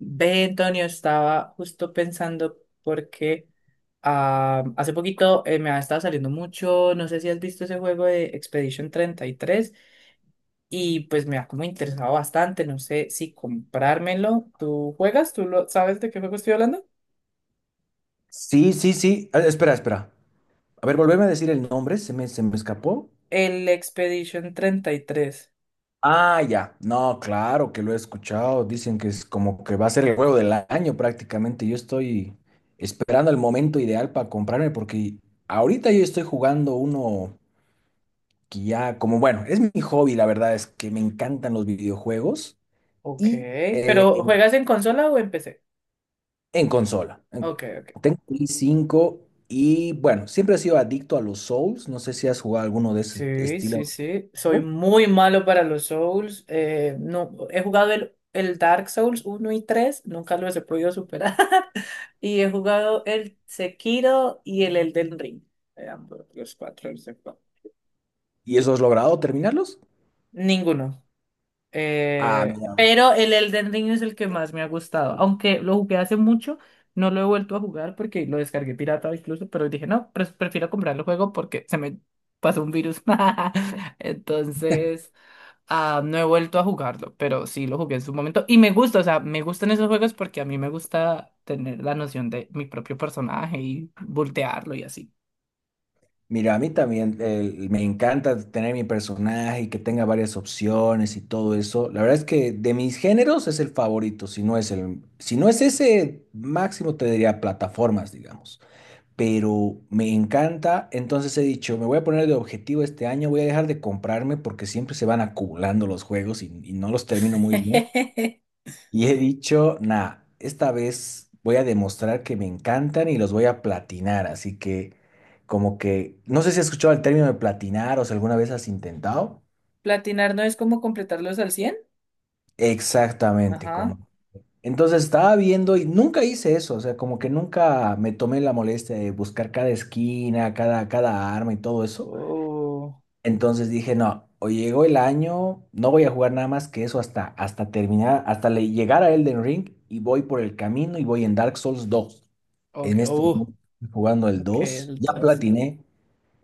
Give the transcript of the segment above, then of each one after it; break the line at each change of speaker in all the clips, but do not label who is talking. Ve, Antonio, estaba justo pensando porque hace poquito, me ha estado saliendo mucho, no sé si has visto ese juego de Expedition 33, y pues me ha como interesado bastante, no sé si comprármelo. ¿Tú juegas? ¿Tú sabes de qué juego estoy hablando?
Sí, sí, sí. Ah, espera, espera. A ver, volveme a decir el nombre, se me escapó.
El Expedition 33.
Ah, ya. No, claro que lo he escuchado. Dicen que es como que va a ser el juego del año prácticamente. Yo estoy esperando el momento ideal para comprarme porque ahorita yo estoy jugando uno que ya, como bueno, es mi hobby, la verdad es que me encantan los videojuegos
Ok,
y
pero ¿juegas en consola o en PC?
consola.
Ok, ok.
Tengo Play 5 y bueno, siempre he sido adicto a los Souls. No sé si has jugado alguno de ese
Sí,
estilo.
sí, sí. Soy muy malo para los Souls. No, he jugado el Dark Souls uno y 3. Nunca los he podido superar. Y he jugado el Sekiro y el Elden Ring. Ambos, los cuatro, los cuatro.
¿Y eso has logrado terminarlos?
Ninguno.
Ah,
Eh,
mira,
pero el Elden Ring es el que más me ha gustado. Aunque lo jugué hace mucho, no lo he vuelto a jugar porque lo descargué pirata incluso, pero dije, no, prefiero comprar el juego porque se me pasó un virus. Entonces... Ah, no he vuelto a jugarlo, pero sí lo jugué en su momento. Y me gusta, o sea, me gustan esos juegos porque a mí me gusta tener la noción de mi propio personaje y voltearlo y así.
mira, a mí también me encanta tener mi personaje y que tenga varias opciones y todo eso. La verdad es que de mis géneros es el favorito, si no es ese máximo te diría plataformas, digamos. Pero me encanta, entonces he dicho, me voy a poner de objetivo este año, voy a dejar de comprarme porque siempre se van acumulando los juegos y no los termino muy bien. Y he dicho, nah, esta vez voy a demostrar que me encantan y los voy a platinar. Así que, como que, no sé si has escuchado el término de platinar o si alguna vez has intentado.
Platinar no es como completarlos al 100.
Exactamente,
Ajá.
como. Entonces estaba viendo y nunca hice eso, o sea, como que nunca me tomé la molestia de buscar cada esquina, cada arma y todo eso.
Oh,
Entonces dije, no, o llegó el año, no voy a jugar nada más que eso hasta terminar, hasta llegar a Elden Ring y voy por el camino y voy en Dark Souls dos.
ok,
En este
oh,
momento estoy jugando el
ok,
dos.
el
Ya
2.
platiné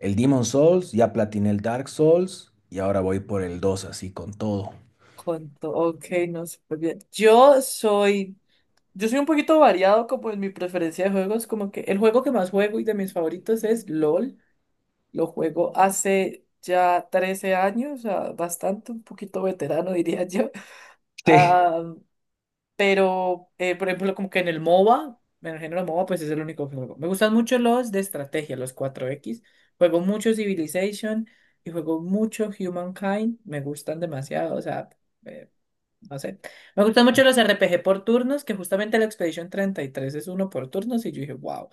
el Demon Souls, ya platiné el Dark Souls y ahora voy por el 2 así con todo.
Conto, ok, no, súper bien. Yo soy un poquito variado como en mi preferencia de juegos, como que el juego que más juego y de mis favoritos es LOL. Lo juego hace ya 13 años, o sea, bastante, un poquito veterano diría yo.
Sí.
Ah, pero, por ejemplo, como que en el MOBA, en el género MOBA, pues es el único que juego. Me gustan mucho los de estrategia, los cuatro x. Juego mucho Civilization y juego mucho Humankind. Me gustan demasiado, o sea, eh, no sé. Me gustan mucho los RPG por turnos, que justamente la Expedition 33 es uno por turnos, y yo dije, wow,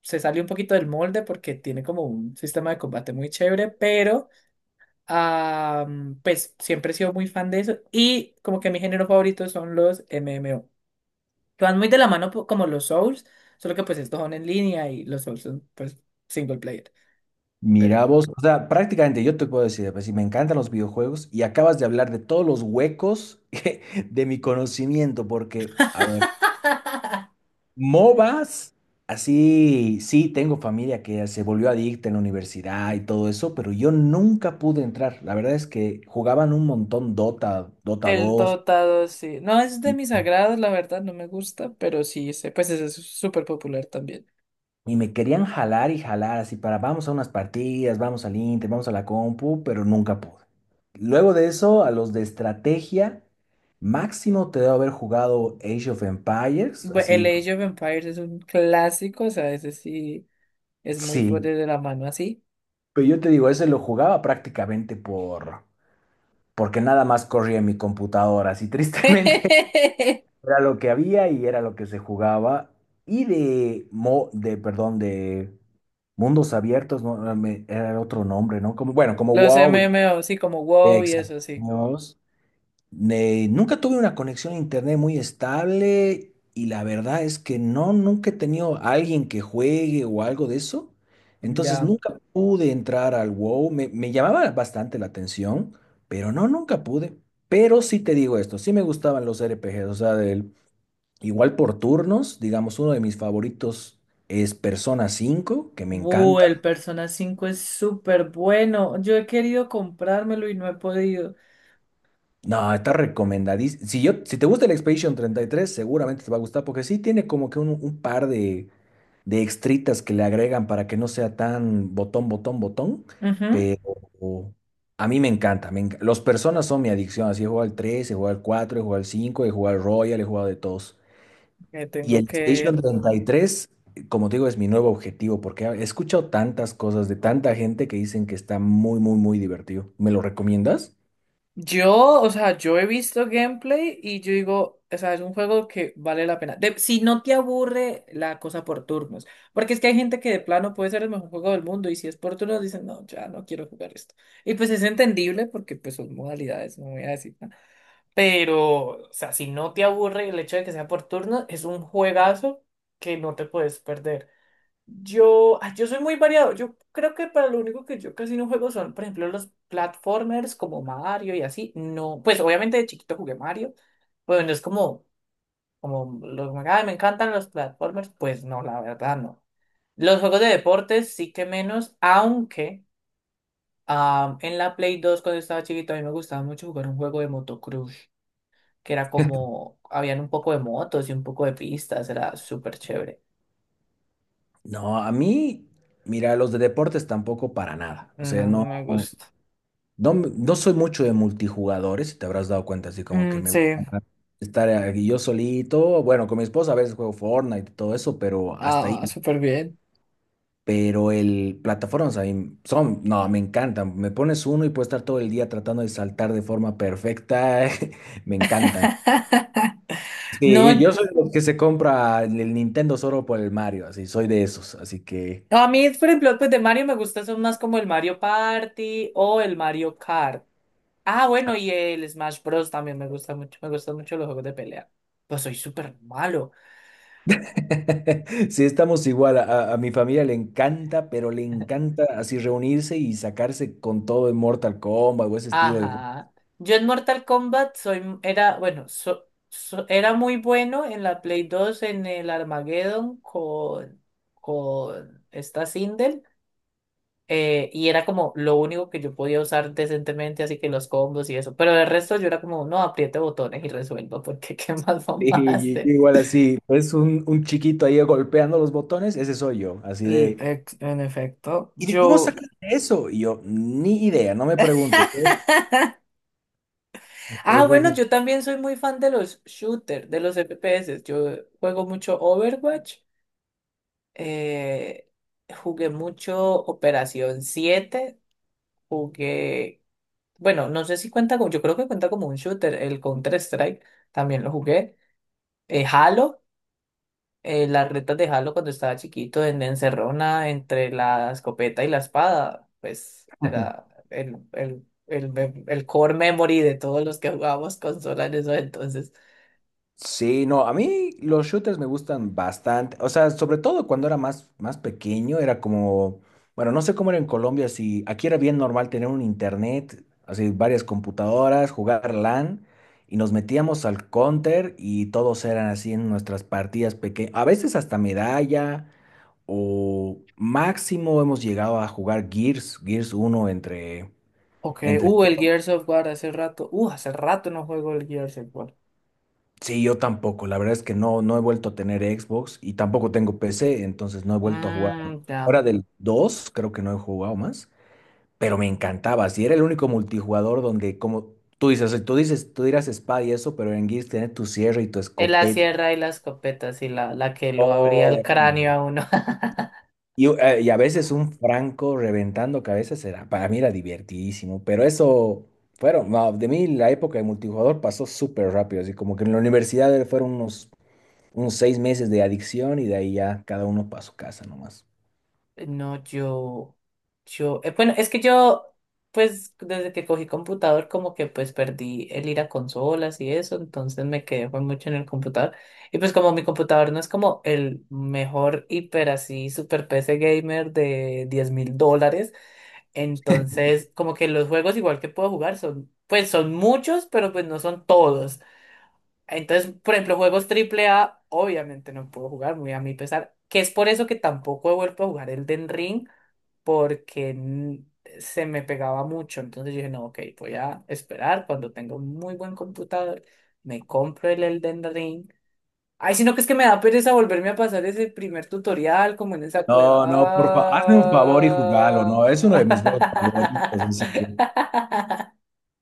se salió un poquito del molde porque tiene como un sistema de combate muy chévere, pero ah, pues siempre he sido muy fan de eso. Y como que mi género favorito son los MMO, que van muy de la mano como los Souls, solo que pues estos son en línea y los Souls son pues single player.
Mira
Pero.
vos, o sea, prácticamente yo te puedo decir, pues si me encantan los videojuegos y acabas de hablar de todos los huecos de mi conocimiento, porque, a ver, MOBAs, así, sí, tengo familia que se volvió adicta en la universidad y todo eso, pero yo nunca pude entrar. La verdad es que jugaban un montón Dota, Dota
El
dos.
dotado, sí. No es de mis agrados la verdad, no me gusta, pero sí sé, pues ese es súper popular también.
Y me querían jalar y jalar así para vamos a unas partidas, vamos al Inter, vamos a la compu, pero nunca pude. Luego de eso, a los de estrategia, máximo te debo haber jugado Age of Empires,
El
así,
Age of Empires es un clásico, o sea, ese sí es muy
sí.
fuerte de la mano así.
Pero yo te digo, ese lo jugaba porque nada más corría en mi computadora, así tristemente era lo que había y era lo que se jugaba. Y perdón, de mundos abiertos, no. Ah, era otro nombre, ¿no? Como, bueno, como
Los M
WoW.
M O sí, como WoW y eso,
Exacto.
sí.
Nunca tuve una conexión a internet muy estable y la verdad es que no, nunca he tenido a alguien que juegue o algo de eso. Entonces
Ya.
nunca pude entrar al WoW. Me llamaba bastante la atención, pero no, nunca pude. Pero sí te digo esto, sí me gustaban los RPGs, o sea, igual por turnos, digamos, uno de mis favoritos es Persona cinco, que me
Uh,
encanta.
el Persona 5 es súper bueno. Yo he querido comprármelo y no he podido.
No, está recomendadísimo. Si yo, si te gusta el Expedition treinta y tres, seguramente te va a gustar porque sí tiene como que un par de extritas que le agregan para que no sea tan botón, botón, botón.
Ujú.
Pero a mí me encanta. Los personas son mi adicción. Así he jugado al 3, he jugado al 4, he jugado al 5, he jugado al Royal, he jugado de todos.
Me
Y
tengo
el Expedition
que.
treinta y tres, como te digo, es mi nuevo objetivo porque he escuchado tantas cosas de tanta gente que dicen que está muy, muy, muy divertido. ¿Me lo recomiendas?
Yo, o sea, yo he visto gameplay y yo digo, o sea, es un juego que vale la pena. Si no te aburre la cosa por turnos, porque es que hay gente que de plano puede ser el mejor juego del mundo y si es por turnos dicen, no, ya no quiero jugar esto. Y pues es entendible porque pues son modalidades, no voy a decir nada. Pero, o sea, si no te aburre el hecho de que sea por turnos, es un juegazo que no te puedes perder. Yo soy muy variado. Yo creo que para lo único que yo casi no juego son, por ejemplo, los platformers como Mario y así. No, pues obviamente de chiquito jugué Mario, bueno, es como, "Ay, me encantan los platformers". Pues no, la verdad no. Los juegos de deportes sí que menos, aunque en la Play 2 cuando estaba chiquito a mí me gustaba mucho jugar un juego de motocross, que era como, habían un poco de motos y un poco de pistas, era súper chévere.
No, a mí, mira, los de deportes tampoco para nada. O sea,
No, no
no,
me gusta.
no, no soy mucho de multijugadores, si te habrás dado cuenta, así como que
Mm,
me
sí.
gusta estar aquí yo solito. Bueno, con mi esposa a veces juego Fortnite y todo eso, pero hasta
Ah,
ahí.
súper bien.
Pero el plataformas a mí son, no, me encantan. Me pones uno y puedo estar todo el día tratando de saltar de forma perfecta. Me encantan. Sí,
No,
yo soy de los que se compra el Nintendo solo por el Mario, así, soy de esos, así que.
a mí, por ejemplo, pues de Mario me gustan son más como el Mario Party o el Mario Kart. Ah, bueno, y el Smash Bros. También me gusta mucho. Me gustan mucho los juegos de pelea. Pues soy súper malo.
Sí, estamos igual. A mi familia le encanta, pero le encanta así reunirse y sacarse con todo en Mortal Kombat o ese estilo de juego.
Ajá. Yo en Mortal Kombat soy, era, bueno, era muy bueno en la Play 2 en el Armageddon con, esta Sindel. Y era como lo único que yo podía usar decentemente, así que los combos y eso. Pero el resto yo era como, no, apriete botones y resuelva, porque ¿qué más vamos
Sí.
a
Y, yo
hacer?
igual así, pues un chiquito ahí golpeando los botones, ese soy yo, así de,
En efecto,
¿y de cómo
yo,
sacaste eso? Y yo, ni idea, no me preguntes.
Ah,
Eso es
bueno,
mi.
yo también soy muy fan de los shooters, de los FPS. Yo juego mucho Overwatch, eh, jugué mucho Operación 7, jugué, bueno, no sé si cuenta como, yo creo que cuenta como un shooter, el Counter-Strike, también lo jugué, Halo. Las retas de Halo cuando estaba chiquito en Encerrona entre la escopeta y la espada, pues era el core memory de todos los que jugábamos consola en eso entonces.
Sí, no, a mí los shooters me gustan bastante, o sea, sobre todo cuando era más, más pequeño, era como, bueno, no sé cómo era en Colombia, si aquí era bien normal tener un internet, así varias computadoras, jugar LAN, y nos metíamos al counter y todos eran así en nuestras partidas pequeñas, a veces hasta medalla, o máximo hemos llegado a jugar Gears, Gears uno entre,
Ok,
entre.
el Gears of War hace rato no juego el Gears of War.
Sí, yo tampoco. La verdad es que no, no he vuelto a tener Xbox y tampoco tengo PC, entonces no he vuelto a jugar.
Mmm, ya.
Ahora del 2 creo que no he jugado más, pero me encantaba. Si era el único multijugador donde, como tú dices, tú dirás espada y eso, pero en Gears tenés tu sierra y tu
Es la
escopeta.
sierra y la escopeta, sí, la que lo abría
Oh,
el
era-
cráneo a uno.
Y a veces un franco reventando cabezas era, para mí era divertidísimo, pero eso fueron, no, de mí la época de multijugador pasó súper rápido, así como que en la universidad fueron unos seis meses de adicción y de ahí ya cada uno para su casa nomás.
No, bueno, es que yo, pues desde que cogí computador, como que pues perdí el ir a consolas y eso, entonces me quedé fue mucho en el computador. Y pues como mi computador no es como el mejor hiper así, super PC gamer de $10,000, entonces como que los juegos igual que puedo jugar son, pues son muchos, pero pues no son todos. Entonces, por ejemplo, juegos triple A, obviamente no puedo jugar, muy a mi pesar, que es por eso que tampoco he vuelto a jugar el Elden Ring porque se me pegaba mucho. Entonces yo dije, no, ok, voy a esperar cuando tenga un muy buen computador, me compro el Elden Ring. Ay, sino que es que me da pereza volverme a pasar ese primer tutorial como en esa cueva.
No, no, por favor, hazme un favor y jugalo, no, es uno de mis juegos favoritos,
Ah.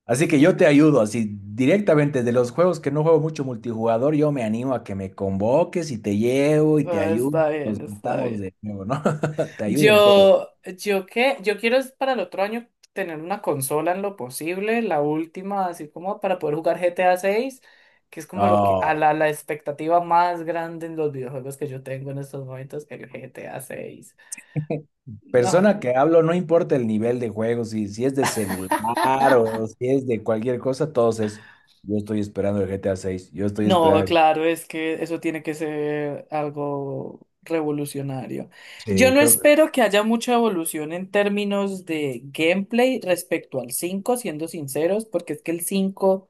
así que yo te ayudo, así directamente de los juegos que no juego mucho multijugador, yo me animo a que me convoques y te llevo y te
Ah,
ayudo,
está
nos
bien, está
juntamos
bien.
de nuevo, ¿no? Te ayudo en todo.
Yo, yo quiero es para el otro año tener una consola en lo posible, la última, así como para poder jugar GTA 6, que es como lo que,
No,
la expectativa más grande en los videojuegos que yo tengo en estos momentos, el GTA 6. No.
persona que hablo, no importa el nivel de juego, si es de celular o si es de cualquier cosa, todos es, yo estoy esperando el GTA 6, yo estoy
No,
esperando.
claro, es que eso tiene que ser algo revolucionario. Yo
Sí,
no
creo que,
espero que haya mucha evolución en términos de gameplay respecto al cinco siendo sinceros, porque es que el cinco.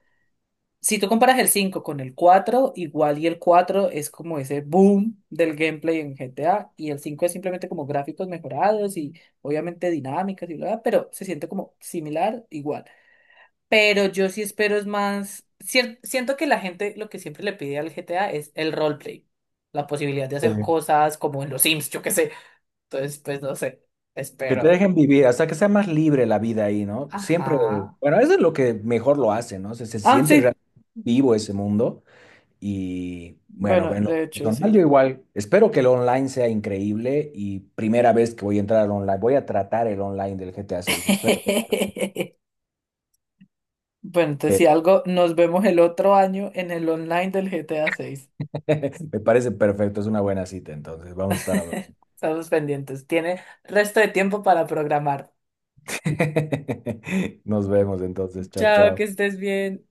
Si tú comparas el cinco con el cuatro, igual, y el 4 es como ese boom del gameplay en GTA y el cinco es simplemente como gráficos mejorados y obviamente dinámicas y bla, pero se siente como similar, igual. Pero yo sí espero es más, siento que la gente lo que siempre le pide al GTA es el roleplay, la posibilidad de hacer
sí.
cosas como en los Sims, yo qué sé. Entonces, pues no sé,
Que te
espero.
dejen vivir, hasta que sea más libre la vida ahí, ¿no? Siempre,
Ajá.
bueno, eso es lo que mejor lo hace, ¿no? Se
Ah,
siente
sí.
realmente vivo ese mundo y, bueno,
Bueno,
en lo
de hecho,
personal
sí.
yo igual, espero que el online sea increíble y primera vez que voy a entrar al online, voy a tratar el online del GTA 6, espero.
Bueno, entonces si
que-
algo, nos vemos el otro año en el online del GTA 6.
Me parece perfecto, es una buena cita, entonces vamos a estar hablando.
Estamos pendientes. Tiene resto de tiempo para programar.
Nos vemos entonces, chao,
Chao, que
chao.
estés bien.